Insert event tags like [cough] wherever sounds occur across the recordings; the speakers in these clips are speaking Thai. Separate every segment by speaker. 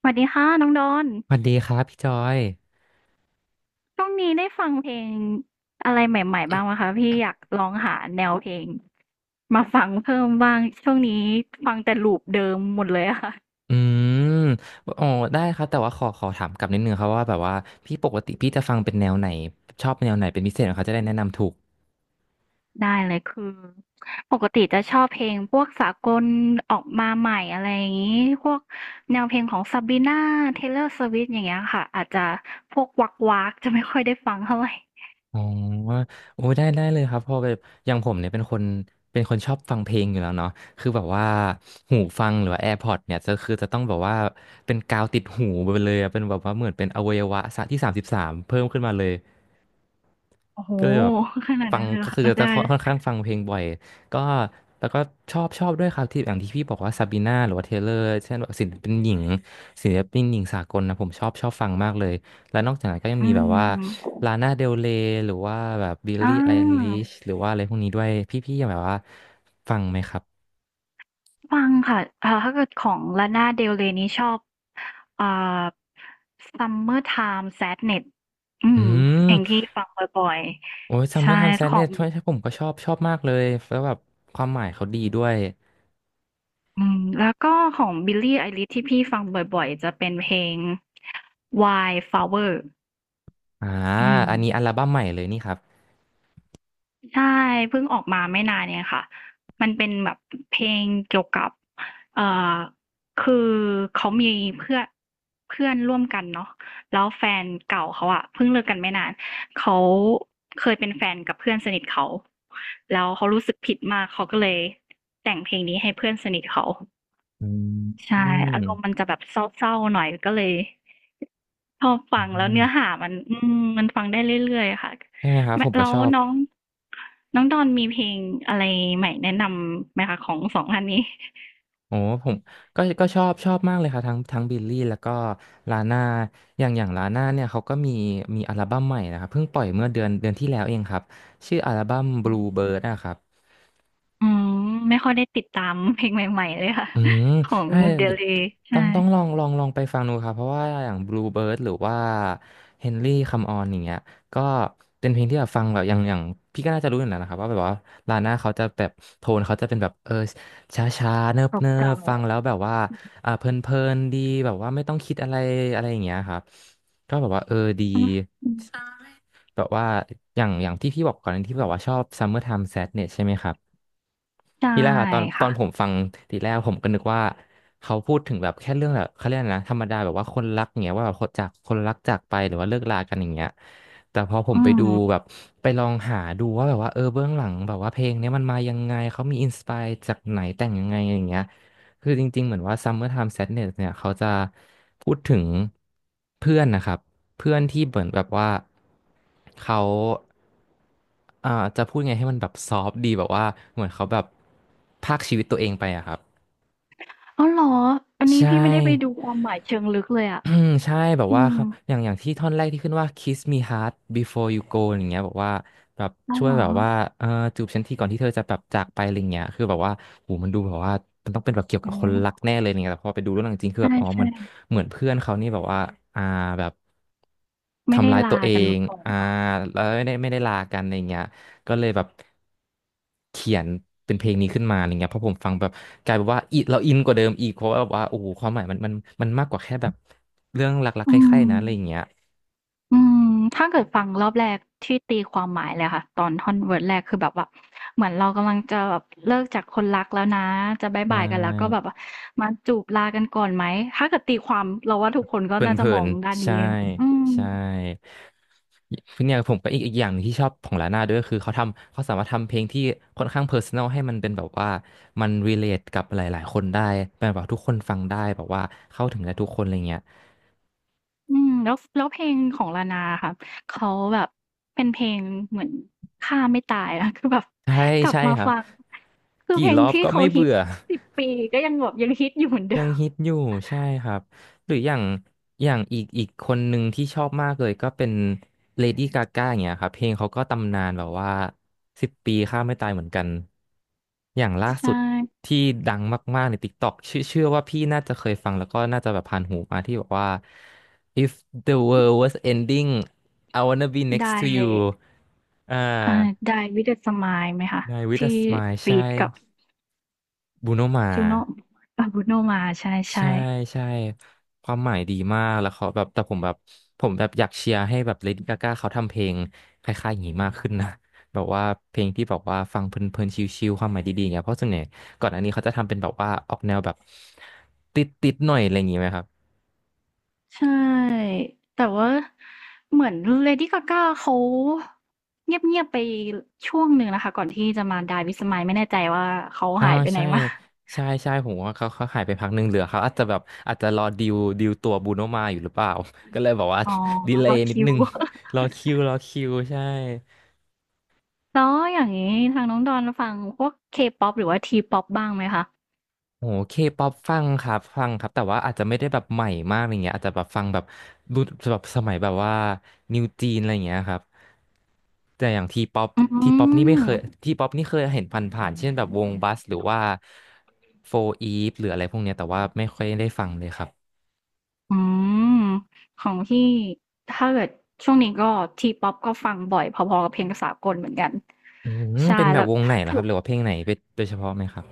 Speaker 1: สวัสดีค่ะน้องดอน
Speaker 2: สวัสดีครับพี่จอย
Speaker 1: ช่วงนี้ได้ฟังเพลงอะไรใหม่ๆบ้างไหมคะพี่อยากลองหาแนวเพลงมาฟังเพิ่มบ้างช่วงนี้ฟังแต่ลูปเดิมหมดเลยอะค่ะ
Speaker 2: อืมอ๋อได้ครับแต่ว่าขอถามกลับนิดนึงครับว่าแบบว่าพี่ปกติพี่จะฟังเป็นแนวไหนชอบแนวไหนเป็นพิเศษเขาจะได้แนะนำถูก
Speaker 1: ได้เลยคือปกติจะชอบเพลงพวกสากลออกมาใหม่อะไรอย่างนี้พวกแนวเพลงของซาบีน่าเทเลอร์สวิฟต์อย่างเงี้ยค่ะอาจจะพวกวักวักจะไม่ค่อยได้ฟังเท่าไหร่
Speaker 2: อ๋อโอ้ได้ได้เลยครับเพอแบบอย่างผมเนี่ยเป็นคนเป็นคนชอบฟังเพลงอยู่แล้วเนาะคือแบบว่าหูฟังหรือว่า AirPods เนี่ยจะคือจะต้องแบบว่าเป็นกาวติดหูไปเลยอะเป็นแบบว่าเหมือนเป็นอวัยวะที่33เพิ่มขึ้นมาเลย
Speaker 1: โอ้โห
Speaker 2: ก็เลยแบบ
Speaker 1: ขนาด
Speaker 2: ฟั
Speaker 1: นั้
Speaker 2: ง
Speaker 1: นเลยเหร
Speaker 2: ก็
Speaker 1: อ
Speaker 2: คื
Speaker 1: ค่ะ
Speaker 2: อจะ
Speaker 1: ได้
Speaker 2: ค่อนข้างฟังเพลงบ่อยก็แล้วก็ชอบด้วยครับที่อย่างที่พี่บอกว่าซาบีนาหรือว่าเทเลอร์เช่นแบบศิลปินหญิงศิลปินหญิงสากลนะผมชอบฟังมากเลยและนอกจากนั้นก็ยัง
Speaker 1: อื
Speaker 2: มีแบบว่า
Speaker 1: ม
Speaker 2: ลานาเดลเรยหรือว่าแบบบิล
Speaker 1: อ่า
Speaker 2: ลี่ไอลิชหรือว่าอะไรพวกนี้ด้วยพี่ๆยังแบบว่าฟังไหมครับ
Speaker 1: ฟังค่ะถ้าเกิดของลาน่าเดลเรย์นี่ชอบอ่า Summertime Sadness อื
Speaker 2: อื
Speaker 1: มเพลงที่
Speaker 2: ม
Speaker 1: ฟังบ่อย
Speaker 2: โอ้ยซั
Speaker 1: ๆ
Speaker 2: มเมอ
Speaker 1: ใช่
Speaker 2: ร์ไทม์แซ
Speaker 1: ข
Speaker 2: ดเน
Speaker 1: อ
Speaker 2: ส
Speaker 1: ง
Speaker 2: ใช่ผมก็ชอบมากเลยแล้วแบบความหมายเขาดีด้วย
Speaker 1: อืมแล้วก็ของ Billie Eilish ที่พี่ฟังบ่อยๆ จะเป็นเพลง Wildflower
Speaker 2: อ่า
Speaker 1: อืม
Speaker 2: อันนี้อัลบั้มใหม่เลยนี่ครับ
Speaker 1: ใช่เพิ่งออกมาไม่นานเนี่ยค่ะมันเป็นแบบเพลงเกี่ยวกับเอ่อคือเขามีเพื่อนเพื่อนร่วมกันเนาะแล้วแฟนเก่าเขาอะเพิ่งเลิกกันไม่นานเขาเคยเป็นแฟนกับเพื่อนสนิทเขาแล้วเขารู้สึกผิดมากเขาก็เลยแต่งเพลงนี้ให้เพื่อนสนิทเขา
Speaker 2: อื
Speaker 1: ใช่อาร
Speaker 2: ม
Speaker 1: มณ์มันจะแบบเศร้าๆหน่อยก็เลย พอ
Speaker 2: อื
Speaker 1: ฟังแล้ว
Speaker 2: ม
Speaker 1: เนื้อหามันอืมมันฟังได้เรื่อยๆค่ะ
Speaker 2: ใช่ไหมครับ
Speaker 1: แม
Speaker 2: ผมก็
Speaker 1: แล้ว
Speaker 2: ชอบ
Speaker 1: น้องน้องดอนมีเพลงอะไรใหม่แนะนำไหมคะของสองท่านนี้
Speaker 2: โอ้ผมก็ก็ชอบมากเลยครับทั้งบิลลี่แล้วก็ลาน่าอย่างอย่างลาน่าเนี่ยเขาก็มีอัลบั้มใหม่นะครับเพิ่งปล่อยเมื่อเดือนที่แล้วเองครับชื่ออัลบั้ม
Speaker 1: ออ
Speaker 2: Blue Bird นะครับ
Speaker 1: อืมไม่ค่อยได้ติดตามเพลงใหม่ๆเลยค่ะ
Speaker 2: อืม
Speaker 1: ของ
Speaker 2: ถ้า
Speaker 1: เดล y
Speaker 2: ต้
Speaker 1: ใช่
Speaker 2: องต้องลองไปฟังดูครับเพราะว่าอย่าง Bluebird หรือว่า Henry Come On อย่างเงี้ยก็เป็นเพลงที่แบบฟังแบบอย่างอย่างพี่ก็น่าจะรู้อยู่แล้วนะครับ ว่าแบบว่าลาน่าเขาจะแบบโทนเขาจะเป็นแบบช้าช้าเนิบเนิบ
Speaker 1: เก่า
Speaker 2: ฟัง แล้วแบบว่าอ่าเพลินเพลินดีแบบว่าไม่ต้องคิดอะไรอะไรอย่างเงี้ยครับก็แบบว่าเออดี
Speaker 1: ๆอืออืม
Speaker 2: แบบว่าอย่างอย่างที่พี่บอกก่อนที่แบบว่าชอบ Summer Time Sadness ใช่ไหมครับ
Speaker 1: ใช่
Speaker 2: นี่แหละค่ะตอนตอ
Speaker 1: ค่ะ
Speaker 2: นผมฟังทีแรกผมก็นึกว่าเขาพูดถึงแบบแค่เรื่องแบบเขาเรียกอะไรนะธรรมดาแบบว่าคนรักอย่างเงี้ยว่าแบบคนจากคนรักจากไปหรือว่าเลิกลากันอย่างเงี้ยแต่พอผม
Speaker 1: อื
Speaker 2: ไปดูแบ
Speaker 1: ม
Speaker 2: บไปลองหาดูว่าแบบว่าเบื้องหลังแบบว่าเพลงเนี้ยมันมายังไงเขามีอินสปายจากไหนแต่งยังไงอย่างเงี้ย คือจริงๆ เหมือนว่า Summertime Sadness เนี่ยเขาจะพูดถึงเพื่อนนะครับเพื่อนที่เหมือนแบบว่าเขาอ่าจะพูดไงให้มันแบบซอฟต์ดีแบบว่าเหมือนเขาแบบพากชีวิตตัวเองไปอะครับ
Speaker 1: อาวเหรออันนี้
Speaker 2: ใช
Speaker 1: พี่ไม่ได้ไปดู
Speaker 2: ่
Speaker 1: ความหมายเชิงลึกเลยอ่ะ
Speaker 2: อืมใช่แบบ
Speaker 1: อื
Speaker 2: ว่าค
Speaker 1: ม
Speaker 2: รับอย่างอย่างที่ท่อนแรกที่ขึ้นว่า kiss me hard before you go อย่างเงี้ยแบบว่าแบบ
Speaker 1: อาว
Speaker 2: ช่วย
Speaker 1: เหรอ
Speaker 2: แบบว่าเออจูบฉันทีก่อนที่เธอจะแบบจากไปอะไรเงี้ยคือแบบว่าโหมันดูแบบว่ามันต้องเป็นแบบเกี่ยวกั
Speaker 1: อ๋
Speaker 2: บ
Speaker 1: อ
Speaker 2: คนรักแน่เลยเนี่ยแต่พอไปดูเรื่องจริงคือ
Speaker 1: ใช่
Speaker 2: แบบอ๋อ
Speaker 1: ใช่
Speaker 2: มันเหมือนเพื่อนเขานี่แบบว่าอ่าแบบ
Speaker 1: ไม่ได้
Speaker 2: ทำร้ายตั
Speaker 1: ลา
Speaker 2: วเอ
Speaker 1: กัน
Speaker 2: ง
Speaker 1: มาก่อน
Speaker 2: อ่า
Speaker 1: เนาะ
Speaker 2: แล้วไม่ได้ลากันอะไรเงี้ยก็เลยแบบเขียนเป็นเพลงนี้ขึ้นมาอะไรเงี้ยเพราะผมฟังแบบกลายเป็นว่าอิเราอินกว่าเดิมอีกเพราะว่าแบบว่าโอ้โหความหมายมันมากกว่าแค่แบบ เรื่องรักๆ
Speaker 1: อื
Speaker 2: ใคร่ๆ
Speaker 1: ม
Speaker 2: นะอะไรอย่างเงี้ย
Speaker 1: อืมถ้าเกิดฟังรอบแรกที่ตีความหมายเลยค่ะตอนท่อนเวิร์ดแรกคือแบบว่าเหมือนเรากำลังจะแบบเลิกจากคนรักแล้วนะจะบ๊าย
Speaker 2: ใช
Speaker 1: บายกันแล้วก็แบบ
Speaker 2: ่
Speaker 1: ว่ามาจูบลากันก่อนไหมถ้าเกิดตีความเราว่าทุกคนก็น่า
Speaker 2: เพ
Speaker 1: จะ
Speaker 2: ลิ
Speaker 1: มอ
Speaker 2: น
Speaker 1: งด้าน
Speaker 2: ๆ
Speaker 1: นี้
Speaker 2: ใช่
Speaker 1: อืม
Speaker 2: ใช่เนี่ยผมก็อีกอีกอย่างหนึ่งที่ชอบของลาน่าด้วยก็คือเขาทำเขาสามารถทำเพลงที่ค่อนข้างเพอร์ซันอลให้มันเป็นแบบว่ามัน relate กับหลายๆคนได้เป็นแบบว่าทุกคนฟังได้แบบว่าเข้าถึงได้ทุกคนอะไรเงี้ย
Speaker 1: อืมแล้วเพลงของลานาอะค่ะเขาแบบเป็นเพลงเหมือนฆ่าไม่ตายอะคือแบบ
Speaker 2: ใช่
Speaker 1: กลับ
Speaker 2: ใช่
Speaker 1: มา
Speaker 2: ครับ
Speaker 1: ฟังคือเพ
Speaker 2: กี่
Speaker 1: ลง
Speaker 2: รอบ
Speaker 1: ที่
Speaker 2: ก็
Speaker 1: เขา
Speaker 2: ไม่
Speaker 1: ฮิต
Speaker 2: เบื่อ
Speaker 1: 10 ปีก็ยังแบบยังฮิตอยู่เหมือนเดิ
Speaker 2: ยัง
Speaker 1: ม
Speaker 2: ฮิตอยู่ใช่ครับหรืออย่างอย่างอีกอีกคนหนึ่งที่ชอบมากเลยก็เป็นเลดี้กาก้าอย่างเงี้ยครับเพลงเขาก็ตำนานแบบว่า10 ปีข้ามไม่ตายเหมือนกันอย่างล่าสุ
Speaker 1: ใช่
Speaker 2: ดที่ดังมากๆใน TikTok ชื่อเชื่อว่าพี่น่าจะเคยฟังแล้วก็น่าจะแบบผ่านหูมาที่บอกว่า If the world was ending I wanna be
Speaker 1: ได้
Speaker 2: next to you อ่า
Speaker 1: อ่า Die with a Smile ไหมคะ
Speaker 2: n i with a
Speaker 1: ที่
Speaker 2: smile
Speaker 1: ฟีตกับ
Speaker 2: ใช่บูโนมา
Speaker 1: จ u โน่Bruno Mars
Speaker 2: ใช่
Speaker 1: ใช่
Speaker 2: ใช่ความหมายดีมากแล้วเขาแบบแต่ผมแบบอยากเชียร์ให้แบบเลดี้กาก้าเขาทำเพลงคล้ายๆอย่างนี้มากขึ้นนะแบบว่าเพลงที่แบบว่าฟังเพลินๆชิลๆความหมายดีๆอย่างเงี้ยเพราะส่วนใหญ่ก่อนอันนี้เขาจะทำเป็นแบบว่าออกแนวแบบติดๆหน่อยอะไรอย่างงี้ไหมครับ
Speaker 1: ๆใช่แต่ว่าเหมือน Lady Gaga เขาเงียบๆไปช่วงหนึ่งนะคะก่อนที่จะมา Die with a Smile ไม่แน่ใจว่าเขา
Speaker 2: อ๋อ
Speaker 1: หายไปไหน
Speaker 2: ใช่
Speaker 1: มา
Speaker 2: ใช่ใช่ผมว่าเขาหายไปพักหนึ่งเหลือเขาอาจจะแบบอาจจะรอดิวตัวบูโนมาอยู่หรือเปล่า [laughs] ก็เลยบอกว่า
Speaker 1: อ๋อ
Speaker 2: [laughs] ดีเล
Speaker 1: ล็อก
Speaker 2: ย์นิด
Speaker 1: คิ
Speaker 2: นึ
Speaker 1: ว
Speaker 2: ง
Speaker 1: [laughs]
Speaker 2: รอคิวใช่
Speaker 1: แล้วอย่างงี้ทางน้องดอนฟังพวก K-pop หรือว่า T-pop บ้างไหมคะ
Speaker 2: โอ้เคป๊อปฟังครับแต่ว่าอาจจะไม่ได้แบบใหม่มากอะไรเงี้ยอาจจะแบบฟังแบบรุ่นแบบสมัยแบบว่านิวจีนอะไรเงี้ยครับแต่อย่างทีป๊อป
Speaker 1: อื
Speaker 2: ทีป๊อปนี่ไม่เคย
Speaker 1: ม
Speaker 2: ทีป๊อปนี่เคยเห็นผ่านๆเช่นแบบวงบัสหรือว่าโฟอีฟหรืออะไรพวกเนี้ยแต่ว่าไม่ค่อยได้ฟังเลยครับ
Speaker 1: อืมของพี่ถ้าเกิดช่วงนี้ก็ทีป๊อปก็ฟังบ่อยพอๆกับเพลงสากลเหมือนกัน
Speaker 2: อืม
Speaker 1: ใช่
Speaker 2: เป็นแบ
Speaker 1: แล้
Speaker 2: บ
Speaker 1: ว
Speaker 2: วงไหนเหร
Speaker 1: ถ
Speaker 2: อค
Speaker 1: อ
Speaker 2: รับหรือว่าเพลงไหนเป็นโดยเฉพาะไหมครับ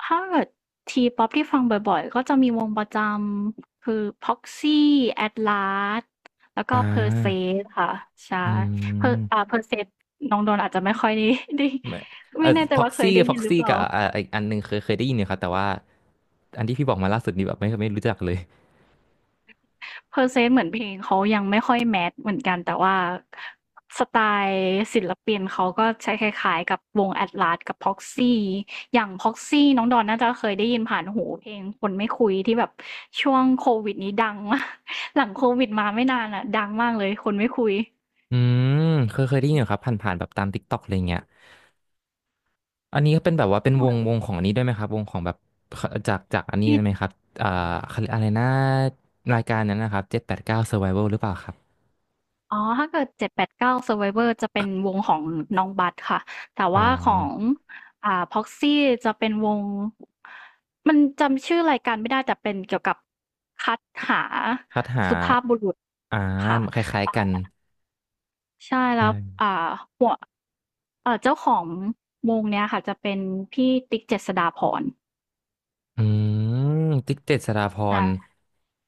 Speaker 1: ถ้าเกิดทีป๊อปที่ฟังบ่อยๆก็จะมีวงประจำคือ p ซ o x y Atlas แล้วก็
Speaker 2: อ่
Speaker 1: p e r s e
Speaker 2: า
Speaker 1: สค่ะใช่
Speaker 2: อื
Speaker 1: per อ
Speaker 2: ม
Speaker 1: เพอร์ s e สน้องโดนอาจจะไม่ค่อยได้ [laughs] ได้
Speaker 2: ไม่
Speaker 1: ไม่แน่ใจ
Speaker 2: พ็อก
Speaker 1: ว่าเค
Speaker 2: ซี่
Speaker 1: ยได้ยินหรือเปล่า
Speaker 2: กับอีกอันหนึ่งเคยได้ยินอยู่ครับแต่ว่าอันที่พี่บอกมาล่าสุดนี่แบบไม่รู้จักเลย
Speaker 1: เพอร์เซนต์เหมือนเพลงเขายังไม่ค่อยแมสเหมือนกันแต่ว่าสไตล์ศิลปินเขาก็ใช้คล้ายๆกับวง Atlas กับ Proxy อย่าง Proxy น้องดอนน่าจะเคยได้ยินผ่านหูเพลงคนไม่คุยที่แบบช่วงโควิดนี้ดังมาก [laughs] หลังโควิดมาไม่นานอะดังมากเลยคนไม่คุย
Speaker 2: อืมเคยได้ยินอยู่ครับผ่านๆแบบตาม t ิ k กต k อกอะไรเงี้ยอันนี้ก็เป็นแบบว่าเป็นวงของอันนี้ด้วยไหมครับวงของแบบจากอันนี้
Speaker 1: ที่
Speaker 2: ไหมครับอ่าเขาเรียกอะไรนะรายการนั้นนะครับเจ็ดแปดเก้า Survival หรือเปล่าครับ
Speaker 1: อ๋อถ้าเกิด789 Survivor จะเป็นวงของน้องบัสค่ะ แต่
Speaker 2: อ๋อ
Speaker 1: ว่าของProxy จะเป็นวงมันจำชื่อรายการไม่ได้แต่เป็นเกี่ยวกับคัดหา
Speaker 2: คัดหา
Speaker 1: สุภาพบุรุษ
Speaker 2: อ่า
Speaker 1: ค่ะ
Speaker 2: คล้ายๆกัน
Speaker 1: อ่าใช่แล้
Speaker 2: ใช่
Speaker 1: วอ่าหัวเจ้าของวงเนี้ยค่ะจะเป็นพี่ติ๊กเจษฎาภรณ์
Speaker 2: อืมติ๊กเจ็ดสราพ
Speaker 1: อา
Speaker 2: ร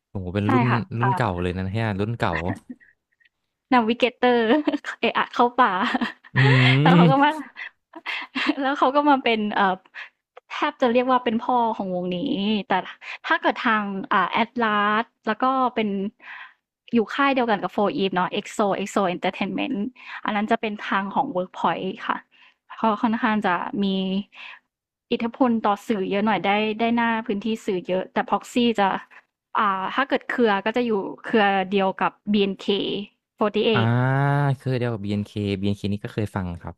Speaker 2: โอ้โหเป็น
Speaker 1: ใช่
Speaker 2: รุ่น
Speaker 1: ค่ะ
Speaker 2: รุ่นเก่า
Speaker 1: อ่า
Speaker 2: เลยนะเนี่ยรุ่นเก่า
Speaker 1: นาวิ [laughs] เกเตอร์ [laughs] เอะอะเข้าป่า
Speaker 2: อื
Speaker 1: [laughs] แล้ว
Speaker 2: ม
Speaker 1: เขาก็มา [laughs] แล้วเขาก็มาเป็นแทบจะเรียกว่าเป็นพ่อของวงนี้แต่ถ้าเกิดทางแอตลาสแล้วก็เป็นอยู่ค่ายเดียวกันกับโฟอีฟเนาะเอ็กโซเอ็กโซเอนเตอร์เทนเมนต์อันนั้นจะเป็นทางของเวิร์กพอยต์ค่ะเขาค่อนข้างจะมีอิทธิพลต่อสื่อเยอะหน่อยได้ได้หน้าพื้นที่สื่อเยอะแต่พ็อกซี่จะ อ่าถ้าเกิดเครือก็จะอยู่เครือเดียวกับ BNK48 อนเคสี่สิ
Speaker 2: อ่า
Speaker 1: บแปด
Speaker 2: เคยเดียวกับ BNK นเคบีเอ็นเคนี่ก็เคยฟังครับ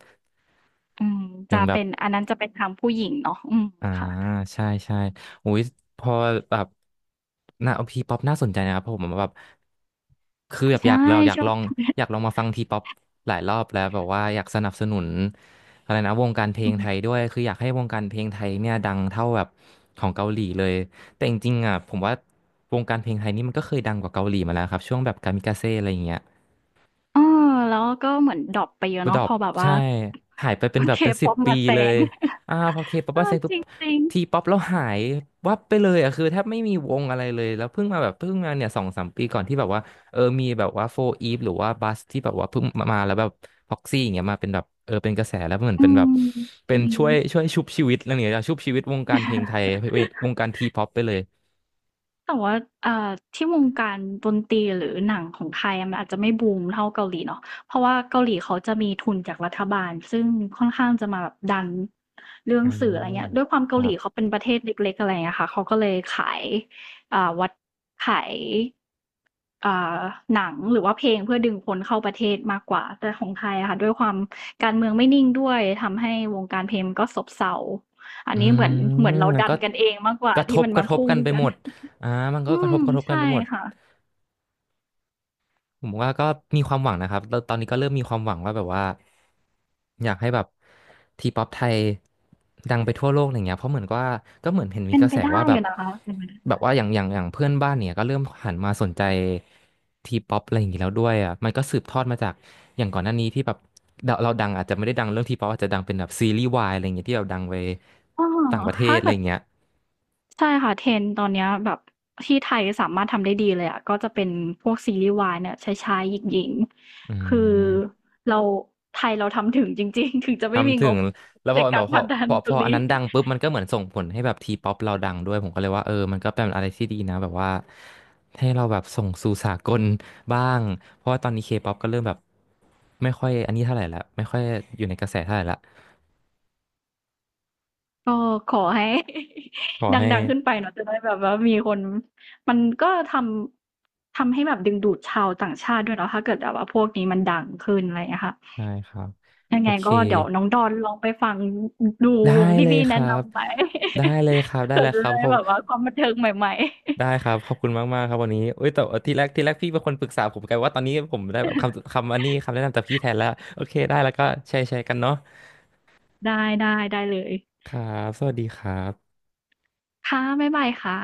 Speaker 1: อืม
Speaker 2: อย่า
Speaker 1: จะ
Speaker 2: งแบบ
Speaker 1: เป็นอันนั้นจะเป็นทางผู้หญิงเนาะอืม
Speaker 2: อ่า
Speaker 1: ค่ะ
Speaker 2: ใช่ใช่อุ้ยพอแบบน่าทีป๊อปน่าสนใจนะครับเพราะผมแบบคือแบบอ
Speaker 1: ใช่
Speaker 2: ยากลองอยาก
Speaker 1: ช่ว
Speaker 2: ล
Speaker 1: ง
Speaker 2: องอยากลองมาฟังทีป๊อปหลายรอบแล้วแบบว่าอยากสนับสนุนอะไรนะวงการเพล
Speaker 1: อื
Speaker 2: งไท
Speaker 1: ม
Speaker 2: ยด้วยคืออยากให้วงการเพลงไทยเนี่ยดังเท่าแบบของเกาหลีเลยแต่จริงๆอ่ะผมว่าวงการเพลงไทยนี่มันก็เคยดังกว่าเกาหลีมาแล้วครับช่วงแบบกามิกาเซ่อะไรอย่างเงี้ย
Speaker 1: เออแล้วก็เหมือนดรอปไปเยอะ
Speaker 2: บูด
Speaker 1: เนาะ
Speaker 2: อ
Speaker 1: พ
Speaker 2: ป
Speaker 1: อแบบว่า
Speaker 2: ใช่หายไปเป็นแบบเป็นสิบ
Speaker 1: K-pop
Speaker 2: ปี
Speaker 1: มาแซ
Speaker 2: เลย
Speaker 1: ง
Speaker 2: อ่าพอเคป๊อ
Speaker 1: [laughs]
Speaker 2: ป
Speaker 1: เอ
Speaker 2: มาเซ็
Speaker 1: อ
Speaker 2: งปุ๊
Speaker 1: จ
Speaker 2: บ
Speaker 1: ริง
Speaker 2: ทีป๊อปแล้วหายวับไปเลยอ่ะคือแทบไม่มีวงอะไรเลยแล้วเพิ่งมาแบบเพิ่งมาเนี่ยสองสามปีก่อนที่แบบว่าเออมีแบบว่าโฟอีฟหรือว่าบัสที่แบบว่าเพิ่งมาแล้วแบบพ็อกซี่อย่างเงี้ยมาเป็นแบบเออเป็นกระแสแล้วเหมือ
Speaker 1: ๆ
Speaker 2: น
Speaker 1: อื
Speaker 2: เป็นแบบ
Speaker 1: มจ
Speaker 2: เป็น
Speaker 1: ริง
Speaker 2: ช่วยชุบชีวิตอะไรอย่างเงี้ยชุบชีวิตวงการเพลงไทยวงการทีป๊อปไปเลย
Speaker 1: แต่ว่าอ่าที่วงการดนตรีหรือหนังของไทยอะมันอาจจะไม่บูมเท่าเกาหลีเนาะเพราะว่าเกาหลีเขาจะมีทุนจากรัฐบาลซึ่งค่อนข้างจะมาแบบดันเรื่อง
Speaker 2: อ่
Speaker 1: สื่ออะไรเงี้ย
Speaker 2: า
Speaker 1: ด้วยความ
Speaker 2: ค
Speaker 1: เกาห
Speaker 2: รั
Speaker 1: ลีเขา
Speaker 2: บ
Speaker 1: เป็นประเทศเล็กๆอะไรเงี้ยค่ะเขาก็เลยขายอ่าวัดขายอ่าหนังหรือว่าเพลงเพื่อดึงคนเข้าประเทศมากกว่าแต่ของไทยอะค่ะด้วยความการเมืองไม่นิ่งด้วยทำให้วงการเพลงมันก็ซบเซาอัน
Speaker 2: อื
Speaker 1: นี้เห
Speaker 2: ม
Speaker 1: มือนเรา
Speaker 2: มัน
Speaker 1: ดั
Speaker 2: ก็
Speaker 1: นกันเองมากกว่า
Speaker 2: กระท
Speaker 1: ที่
Speaker 2: บ
Speaker 1: มัน
Speaker 2: ก
Speaker 1: มา
Speaker 2: ระทบ
Speaker 1: พุ่ง
Speaker 2: กันไป
Speaker 1: กัน
Speaker 2: หมดอ่ามันก็
Speaker 1: อื
Speaker 2: กระท
Speaker 1: ม
Speaker 2: บกระทบกั
Speaker 1: ใช่
Speaker 2: นไปหมด
Speaker 1: ค่ะ
Speaker 2: ผมว่าก็มีความหวังนะครับแล้วตอนนี้ก็เริ่มมีความหวังว่าแบบว่าอยากให้แบบทีป๊อปไทยดังไปทั่วโลกอะไรเงี้ยเพราะเหมือนกับว่าก็เหมือนเห็นมี
Speaker 1: เป็น
Speaker 2: กระ
Speaker 1: ไป
Speaker 2: แส
Speaker 1: ได้
Speaker 2: ว่าแบ
Speaker 1: อ
Speaker 2: บ
Speaker 1: ยู่นะคะเป็นไปได้
Speaker 2: แบบว่าอย่างเพื่อนบ้านเนี่ยก็เริ่มหันมาสนใจทีป๊อปอะไรอย่างงี้แล้วด้วยอ่ะมันก็สืบทอดมาจากอย่างก่อนหน้านี้ที่แบบเราดังอาจจะไม่ได้ดังเรื่องทีป๊อปอาจจะดังเป็นแบบซีรีส์วายอะไรอย่างเงี้ยที่เราดังไป
Speaker 1: อ้อ
Speaker 2: ต่างประเทศ
Speaker 1: ถ้า
Speaker 2: อะไร
Speaker 1: เกิ
Speaker 2: อ
Speaker 1: ด
Speaker 2: ย่างเงี้ย
Speaker 1: ใช่ค่ะ trend ตอนเนี้ยแบบที่ไทยสามารถทำได้ดีเลยอะก็จะเป็นพวกซีรีส์วายเนี่ยชายๆหญิง
Speaker 2: อื
Speaker 1: ๆคือ
Speaker 2: ม
Speaker 1: เราไทยเราทำถึงจริงๆ [laughs] ถึงจะไม่มี
Speaker 2: ทำถึ
Speaker 1: ง
Speaker 2: ง
Speaker 1: บ
Speaker 2: แล้วพ
Speaker 1: ใน
Speaker 2: อแบ
Speaker 1: กา
Speaker 2: บ
Speaker 1: ร
Speaker 2: พ
Speaker 1: ผ
Speaker 2: อ
Speaker 1: ลักดัน
Speaker 2: พอ
Speaker 1: ต
Speaker 2: พ
Speaker 1: ร
Speaker 2: อ
Speaker 1: ง
Speaker 2: อัน
Speaker 1: นี้
Speaker 2: นั้นดัง
Speaker 1: [laughs]
Speaker 2: ปุ๊บมันก็เหมือนส่งผลให้แบบทีป๊อปเราดังด้วยผมก็เลยว่าเออมันก็เป็นอะไรที่ดีนะแบบว่าให้เราแบบส่งสู่สากลบ้างเพราะว่าตอนนี้เคป๊อปก็เริ่มแบบไม่ค่อยอันนี้เท่าไหร่ละไม่ค่อยอยู่ในกระแสเท่าไหร่ละ
Speaker 1: ก็ขอให้
Speaker 2: ขอ
Speaker 1: [laughs]
Speaker 2: ให้
Speaker 1: ดังๆขึ้นไปเนาะจะได้แบบว่ามีคนมันก็ทำทำให้แบบดึงดูดชาวต่างชาติด้วยเนาะถ้าเกิดแบบว่าพวกนี้มันดังขึ้นอะไรอย่างเงี้ยค่ะ
Speaker 2: ใช่ครับ
Speaker 1: ยัง
Speaker 2: โอ
Speaker 1: ไง
Speaker 2: เค
Speaker 1: ก็เดี๋ยวน้องดอนลองไปฟังดู
Speaker 2: ได้
Speaker 1: วงที่
Speaker 2: เลย
Speaker 1: พี่
Speaker 2: ค
Speaker 1: แนะ
Speaker 2: รับ
Speaker 1: นำไป [laughs]
Speaker 2: ได้
Speaker 1: เผื่
Speaker 2: เล
Speaker 1: อ
Speaker 2: ย
Speaker 1: จะ
Speaker 2: ครับ
Speaker 1: ได้
Speaker 2: เขา
Speaker 1: แบบว่าความบันเทิงใหม่
Speaker 2: ได้ครับขอบคุณมากมากครับวันนี้เอ้ยแต่ที่แรกพี่เป็นคนปรึกษาผมกันว่าตอนนี้ผมได้แบบคำอันนี้คำแนะนำจากพี่แทนแล้วโอเคได้แล้วก็แชร์กันเนาะ
Speaker 1: ๆได้ได้ได้เลย
Speaker 2: ครับสวัสดีครับ
Speaker 1: ค่ะบ๊ายบายค่ะ